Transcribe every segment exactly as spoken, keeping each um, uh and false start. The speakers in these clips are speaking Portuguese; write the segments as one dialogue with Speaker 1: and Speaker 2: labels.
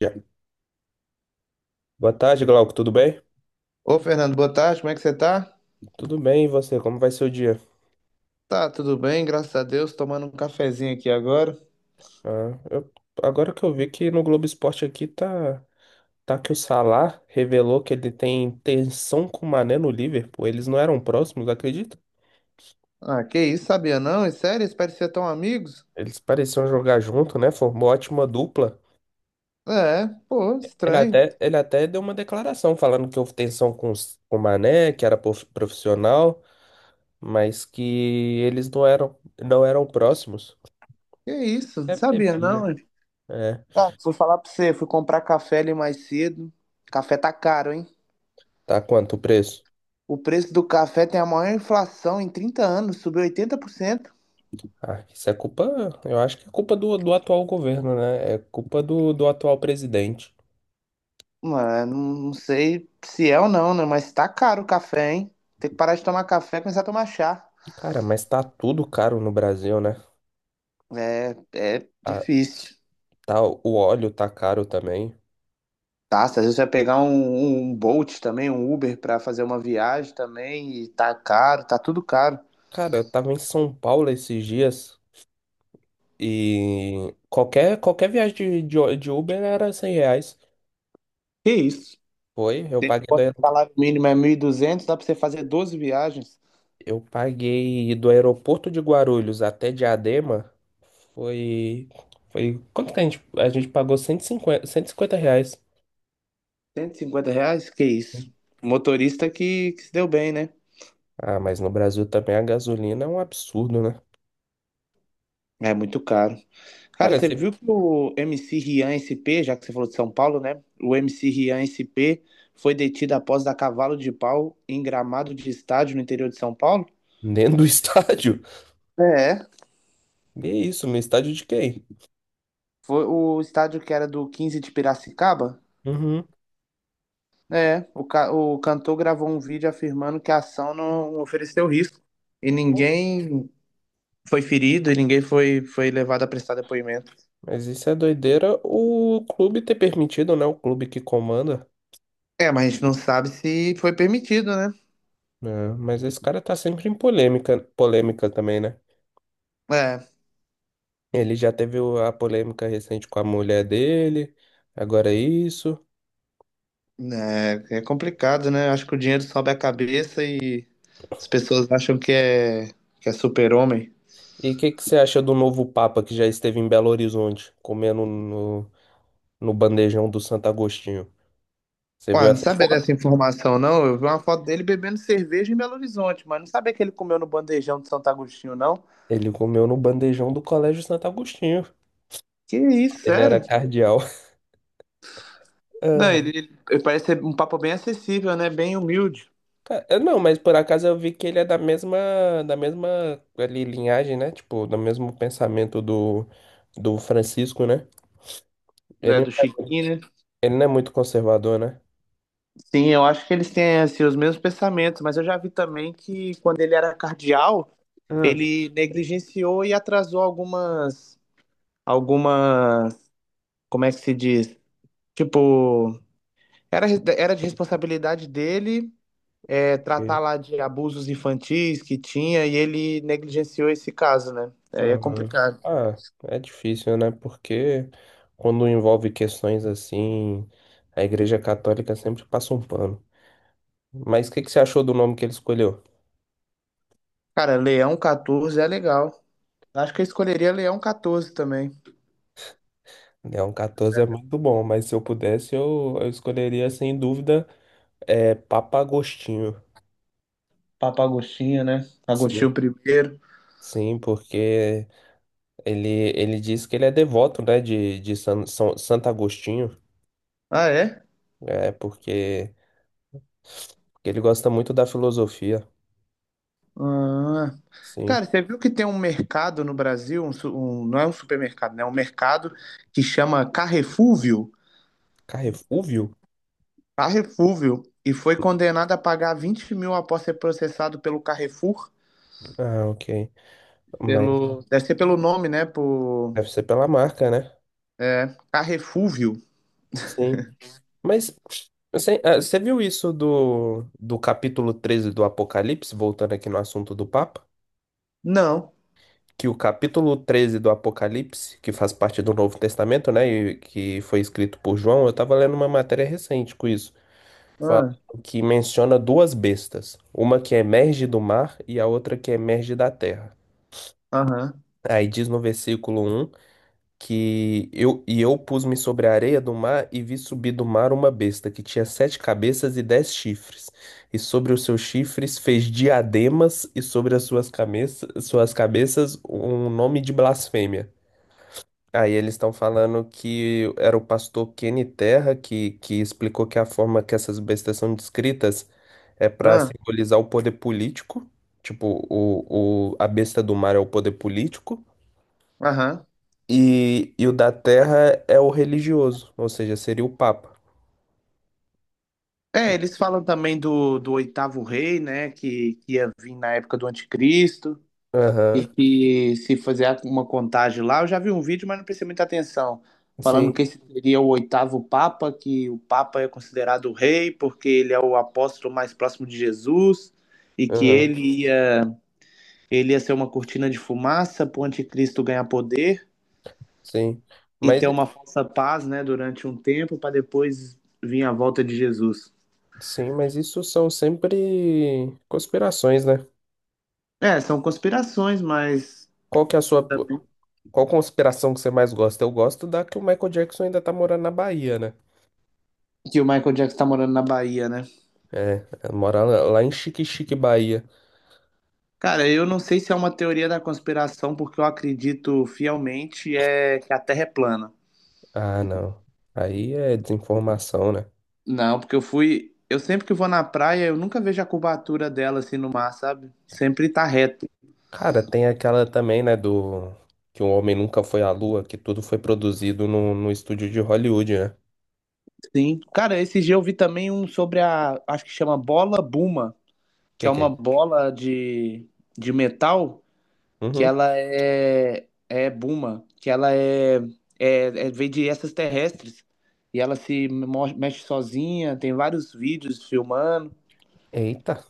Speaker 1: Já. Boa tarde, Glauco. Tudo bem?
Speaker 2: Ô Fernando, boa tarde, como é que você tá?
Speaker 1: Tudo bem, e você? Como vai ser o dia?
Speaker 2: Tá, tudo bem, graças a Deus, tomando um cafezinho aqui agora.
Speaker 1: Ah, eu- Agora que eu vi que no Globo Esporte aqui tá, tá que o Salah revelou que ele tem tensão com o Mané no Liverpool. Eles não eram próximos, acredita?
Speaker 2: Ah, que isso, sabia não? É sério, eles pareciam tão amigos?
Speaker 1: Eles pareciam jogar junto, né? Formou ótima dupla.
Speaker 2: É, pô,
Speaker 1: Ele
Speaker 2: estranho.
Speaker 1: até, ele até deu uma declaração falando que houve tensão com, os- com o Mané, que era prof- profissional, mas que eles não eram, não eram próximos.
Speaker 2: Que isso,
Speaker 1: Deve ter
Speaker 2: sabia
Speaker 1: briga.
Speaker 2: não, hein?
Speaker 1: É.
Speaker 2: Ah, fui falar pra você, fui comprar café ali mais cedo. Café tá caro, hein?
Speaker 1: Tá quanto o preço?
Speaker 2: O preço do café tem a maior inflação em trinta anos, subiu oitenta por cento.
Speaker 1: Ah, isso é culpa, eu acho que é culpa do, do atual governo, né? É culpa do, do atual presidente.
Speaker 2: Mano, não sei se é ou não, né? Mas tá caro o café, hein? Tem que parar de tomar café e começar a tomar chá.
Speaker 1: Cara, mas tá tudo caro no Brasil, né?
Speaker 2: É, é
Speaker 1: Tá,
Speaker 2: difícil.
Speaker 1: tá- o óleo tá caro também.
Speaker 2: Tá, às vezes você vai pegar um, um um Bolt também, um Uber pra fazer uma viagem também, e tá caro, tá tudo caro.
Speaker 1: Cara, eu tava em São Paulo esses dias e qualquer, qualquer viagem de, de, de Uber era cem reais.
Speaker 2: Que isso?
Speaker 1: Foi, eu
Speaker 2: Tem
Speaker 1: paguei do,
Speaker 2: quando o
Speaker 1: aerop-
Speaker 2: salário mínimo é mil e duzentos dá pra você fazer doze viagens,
Speaker 1: Eu paguei do aeroporto de Guarulhos até Diadema. Foi, foi, Quanto que a gente, a gente pagou cento cento e cinquenta cento e cinquenta reais.
Speaker 2: cento e cinquenta reais? Que isso? Motorista que, que se deu bem, né?
Speaker 1: Ah, mas no Brasil também a gasolina é um absurdo, né?
Speaker 2: É muito caro. Cara,
Speaker 1: Cara,
Speaker 2: você
Speaker 1: você...
Speaker 2: viu que o M C Rian S P, já que você falou de São Paulo, né? O M C Rian S P foi detido após dar cavalo de pau em gramado de estádio no interior de São Paulo?
Speaker 1: dentro do estádio?
Speaker 2: É,
Speaker 1: E é isso, no estádio de quem?
Speaker 2: foi o estádio que era do quinze de Piracicaba.
Speaker 1: Uhum.
Speaker 2: É, o, ca- o cantor gravou um vídeo afirmando que a ação não ofereceu risco e
Speaker 1: Pô,
Speaker 2: ninguém foi ferido e ninguém foi, foi levado a prestar depoimento.
Speaker 1: mas isso é doideira o clube ter permitido, né? O clube que comanda.
Speaker 2: É, mas a gente não sabe se foi permitido, né?
Speaker 1: Né? Mas esse cara tá sempre em polêmica, polêmica também, né?
Speaker 2: É,
Speaker 1: Ele já teve o- a polêmica recente com a mulher dele, agora é isso.
Speaker 2: né, é complicado, né? Acho que o dinheiro sobe a cabeça e as pessoas acham que é, que é super-homem.
Speaker 1: E o que que você acha do novo Papa que já esteve em Belo Horizonte, comendo no, no bandejão do Santo Agostinho? Você viu
Speaker 2: Ué, não
Speaker 1: essa
Speaker 2: sabia dessa
Speaker 1: foto?
Speaker 2: informação, não. Eu vi uma foto dele bebendo cerveja em Belo Horizonte, mas não sabia que ele comeu no bandejão de Santo Agostinho, não.
Speaker 1: Ele comeu no bandejão do Colégio Santo Agostinho.
Speaker 2: Que isso,
Speaker 1: Ele era
Speaker 2: sério?
Speaker 1: cardeal.
Speaker 2: Não,
Speaker 1: Ah,
Speaker 2: ele, ele- ele parece ser um papo bem acessível, né? Bem humilde,
Speaker 1: ca- eu não, Mas por acaso eu vi que ele é da mesma, da mesma ali, linhagem, né? Tipo, do mesmo pensamento do, do Francisco, né?
Speaker 2: né?
Speaker 1: Ele,
Speaker 2: Do Chiquinho, né?
Speaker 1: ele não é muito conservador, né?
Speaker 2: Sim, eu acho que eles têm assim, os mesmos pensamentos, mas eu já vi também que quando ele era cardeal,
Speaker 1: Ah,
Speaker 2: ele negligenciou e atrasou algumas, algumas, como é que se diz? Tipo, era, era de responsabilidade dele, é, tratar
Speaker 1: ok.
Speaker 2: lá de abusos infantis que tinha e ele negligenciou esse caso, né? Aí é
Speaker 1: Aham.
Speaker 2: complicado.
Speaker 1: Ah, É difícil, né? Porque quando envolve questões assim, a Igreja Católica sempre passa um pano. Mas o que que você achou do nome que ele escolheu?
Speaker 2: Cara, Leão catorze é legal. Acho que eu escolheria Leão catorze também.
Speaker 1: É, um quatorze é
Speaker 2: É.
Speaker 1: muito bom, mas se eu pudesse, eu, eu escolheria sem dúvida é, Papa Agostinho.
Speaker 2: Papa Agostinho, né?
Speaker 1: Sim,
Speaker 2: Agostinho primeiro.
Speaker 1: sim, porque ele, ele diz que ele é devoto, né, de, de San, São, Santo Agostinho,
Speaker 2: Ah, é?
Speaker 1: é, porque, porque ele gosta muito da filosofia,
Speaker 2: Ah.
Speaker 1: sim.
Speaker 2: Cara, você viu que tem um mercado no Brasil, um su- um- não é um supermercado, né? É um mercado que chama Carrefúvio.
Speaker 1: Carrefúvio?
Speaker 2: Carrefúvio. E foi condenado a pagar vinte mil após ser processado pelo Carrefour.
Speaker 1: Ah, ok. Mas
Speaker 2: Pelo... Deve ser pelo nome, né? Por...
Speaker 1: deve ser pela marca, né?
Speaker 2: É, Carrefúvio.
Speaker 1: Sim. Mas você, ah, você viu isso do, do capítulo treze do Apocalipse, voltando aqui no assunto do Papa?
Speaker 2: Não.
Speaker 1: Que o capítulo treze do Apocalipse, que faz parte do Novo Testamento, né, e que foi escrito por João, eu estava lendo uma matéria recente com isso, falando
Speaker 2: Ah,
Speaker 1: que menciona duas bestas, uma que emerge do mar e a outra que emerge da terra.
Speaker 2: aham.
Speaker 1: Aí diz no versículo um que eu, e eu pus-me sobre a areia do mar e vi subir do mar uma besta que tinha sete cabeças e dez chifres, e sobre os seus chifres fez diademas e sobre as suas cabeças, suas cabeças um nome de blasfêmia. Aí eles estão falando que era o pastor Kenny Terra que, que explicou que a forma que essas bestas são descritas é para
Speaker 2: Ah,
Speaker 1: simbolizar o poder político, tipo, o, o, a besta do mar é o poder político,
Speaker 2: aham.
Speaker 1: e, e o da terra é o religioso, ou seja, seria o Papa.
Speaker 2: É, eles falam também do, do oitavo rei, né? Que, que ia vir na época do anticristo.
Speaker 1: Aham,
Speaker 2: E que se fizer uma contagem lá, eu já vi um vídeo, mas não prestei muita atenção, falando
Speaker 1: sim,
Speaker 2: que esse seria o oitavo Papa, que o Papa é considerado o rei, porque ele é o apóstolo mais próximo de Jesus, e que
Speaker 1: aham,
Speaker 2: ele ia, ele ia ser uma cortina de fumaça para o anticristo ganhar poder
Speaker 1: sim.
Speaker 2: e
Speaker 1: Mas,
Speaker 2: ter uma falsa paz, né, durante um tempo, para depois vir a volta de Jesus.
Speaker 1: sim, mas isso são sempre conspirações, né?
Speaker 2: É, são conspirações, mas
Speaker 1: Qual que é a sua. Qual conspiração que você mais gosta? Eu gosto da que o Michael Jackson ainda tá morando na Bahia, né?
Speaker 2: que o Michael Jackson está morando na Bahia, né?
Speaker 1: É, mora lá lá em Xique-Xique, Bahia.
Speaker 2: Cara, eu não sei se é uma teoria da conspiração, porque eu acredito fielmente é que a Terra é plana.
Speaker 1: Ah, não. Aí é desinformação, né?
Speaker 2: Não, porque eu fui. Eu sempre que vou na praia, eu nunca vejo a curvatura dela assim no mar, sabe? Sempre tá reto.
Speaker 1: Cara, tem aquela também, né, do... Que o homem nunca foi à lua, que tudo foi produzido no, no estúdio de Hollywood, né?
Speaker 2: Sim. Cara, esse dia eu vi também um sobre a. Acho que chama bola Buma, que é
Speaker 1: Que que é
Speaker 2: uma
Speaker 1: isso?
Speaker 2: bola de, de metal que
Speaker 1: Uhum.
Speaker 2: ela é. É Buma, que ela é. É, é vem de essas terrestres. E ela se mo- mexe sozinha, tem vários vídeos filmando.
Speaker 1: Eita,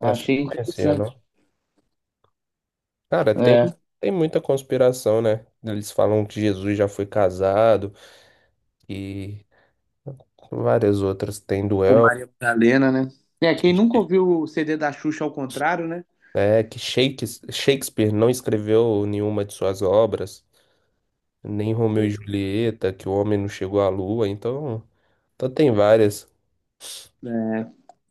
Speaker 1: essa eu
Speaker 2: Achei
Speaker 1: não conhecia,
Speaker 2: interessante.
Speaker 1: não. Cara, tem,
Speaker 2: É,
Speaker 1: tem muita conspiração, né? Eles falam que Jesus já foi casado e várias outras. Tem
Speaker 2: com
Speaker 1: duelo.
Speaker 2: Maria Madalena, né? É, quem nunca ouviu o C D da Xuxa ao contrário, né?
Speaker 1: É que Shakes- Shakespeare não escreveu nenhuma de suas obras, nem Romeu e Julieta, que o homem não chegou à lua, então, então tem várias,
Speaker 2: É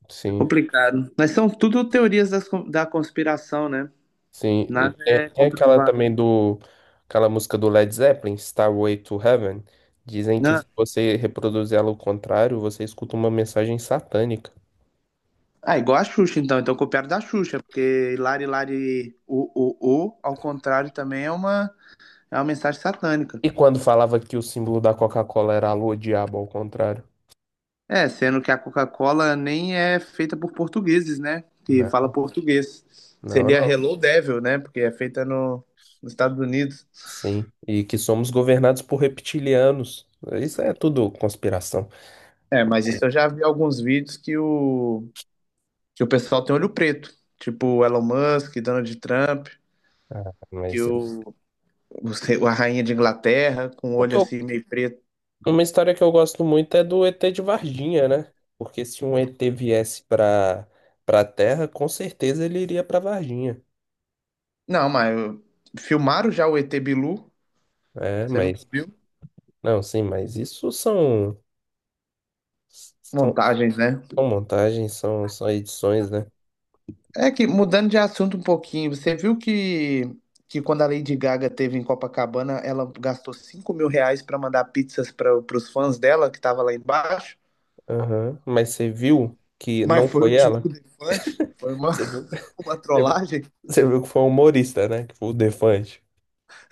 Speaker 1: sim,
Speaker 2: complicado. Mas são tudo teorias das, con- da conspiração, né?
Speaker 1: sim.
Speaker 2: Nada
Speaker 1: Tem,
Speaker 2: é
Speaker 1: tem aquela
Speaker 2: comprovado.
Speaker 1: também do, aquela música do Led Zeppelin, Starway to Heaven, dizem que
Speaker 2: Né?
Speaker 1: se você reproduzir ela ao contrário, você escuta uma mensagem satânica.
Speaker 2: Ah, igual a Xuxa, então. Então copiaram da Xuxa, porque Lari Lari o, o, o, ao contrário, também é uma, é uma mensagem satânica.
Speaker 1: E quando falava que o símbolo da Coca-Cola era a lua, o diabo ao contrário?
Speaker 2: É, sendo que a Coca-Cola nem é feita por portugueses, né? Que
Speaker 1: Não,
Speaker 2: fala português.
Speaker 1: não,
Speaker 2: Seria
Speaker 1: não.
Speaker 2: Hello Devil, né? Porque é feita no, nos Estados Unidos.
Speaker 1: Sim, e que somos governados por reptilianos. Isso é tudo conspiração.
Speaker 2: É, mas isso eu já vi alguns vídeos que o, que o pessoal tem olho preto. Tipo o Elon Musk, Donald Trump, que
Speaker 1: Mas é.
Speaker 2: o, o, a rainha de Inglaterra com o
Speaker 1: O
Speaker 2: olho
Speaker 1: que eu-
Speaker 2: assim meio preto.
Speaker 1: uma história que eu gosto muito é do E T de Varginha, né? Porque se um E T viesse para para Terra, com certeza ele iria para Varginha.
Speaker 2: Não, mas eu- filmaram já o E T Bilu?
Speaker 1: É,
Speaker 2: Você nunca
Speaker 1: mas
Speaker 2: viu?
Speaker 1: não, sim, mas isso são são,
Speaker 2: Montagens, né?
Speaker 1: são montagens, são, são edições, né?
Speaker 2: É que, mudando de assunto um pouquinho, você viu que, que quando a Lady Gaga teve em Copacabana, ela gastou cinco mil reais para mandar pizzas para os fãs dela que tava lá embaixo?
Speaker 1: Aham. Mas você viu que
Speaker 2: Mas
Speaker 1: não
Speaker 2: foi o
Speaker 1: foi ela?
Speaker 2: Diogo Defante, foi uma,
Speaker 1: Você viu,
Speaker 2: uma
Speaker 1: você viu
Speaker 2: trollagem.
Speaker 1: você viu que foi um humorista, né? Que foi o Defante.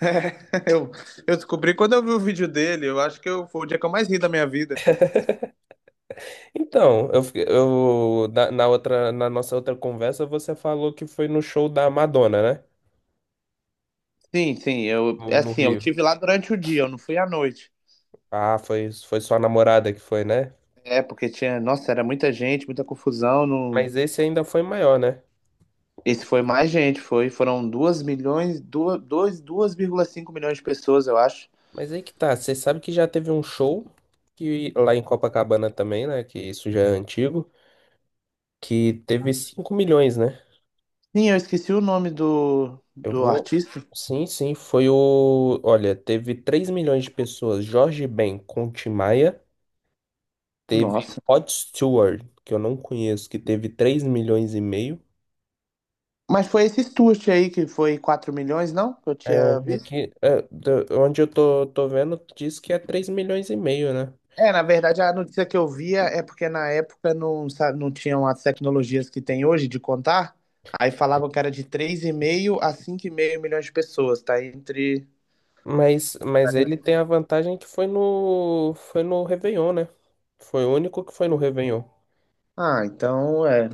Speaker 2: É, eu, eu descobri quando eu vi o vídeo dele, eu acho que eu, foi o dia que eu mais ri da minha vida.
Speaker 1: Então, eu, fiquei- eu na, na outra, na nossa outra conversa, você falou que foi no show da Madonna, né?
Speaker 2: Sim, sim, eu,
Speaker 1: No,
Speaker 2: é
Speaker 1: no
Speaker 2: assim, eu
Speaker 1: Rio.
Speaker 2: tive lá durante o dia, eu não fui à noite.
Speaker 1: Ah, foi, foi sua namorada que foi, né?
Speaker 2: É, porque tinha, nossa, era muita gente, muita confusão, não...
Speaker 1: Mas esse ainda foi maior, né?
Speaker 2: Esse foi mais gente, foi, foram duas milhões, 2, vírgula cinco milhões de pessoas, eu acho.
Speaker 1: Mas aí que tá, você sabe que já teve um show que lá em Copacabana também, né? Que isso já é antigo, que teve cinco milhões, né?
Speaker 2: Sim, eu esqueci o nome do,
Speaker 1: Eu
Speaker 2: do
Speaker 1: vou.
Speaker 2: artista.
Speaker 1: Sim, sim, foi o. Olha, teve três milhões de pessoas. Jorge Ben com Tim Maia. Teve
Speaker 2: Nossa.
Speaker 1: Rod Stewart, que eu não conheço, que teve três milhões e meio.
Speaker 2: Mas foi esse Stuart aí que foi quatro milhões, não? Que eu tinha
Speaker 1: É,
Speaker 2: visto.
Speaker 1: aqui, é, da- onde eu tô, tô vendo, diz que é três milhões e meio, né?
Speaker 2: É, na verdade, a notícia que eu via é porque na época não, sa- não tinham as tecnologias que tem hoje de contar. Aí falavam que era de três vírgula cinco a cinco vírgula cinco milhões de pessoas, tá entre.
Speaker 1: Mas,
Speaker 2: tá
Speaker 1: mas ele
Speaker 2: nesse-
Speaker 1: tem a vantagem que foi no, foi no Réveillon, né? Foi o único que foi no Réveillon.
Speaker 2: Ah, então é.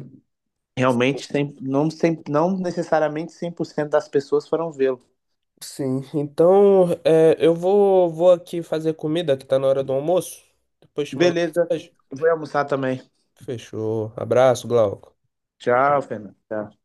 Speaker 2: Realmente, cem- não, cem- não necessariamente cem por cento das pessoas foram vê-lo.
Speaker 1: Sim, então é, eu vou, vou aqui fazer comida, que tá na hora do almoço. Depois te mando
Speaker 2: Beleza,
Speaker 1: mensagem.
Speaker 2: vou almoçar também.
Speaker 1: Fechou. Abraço, Glauco.
Speaker 2: Tchau, Fernando. Tchau.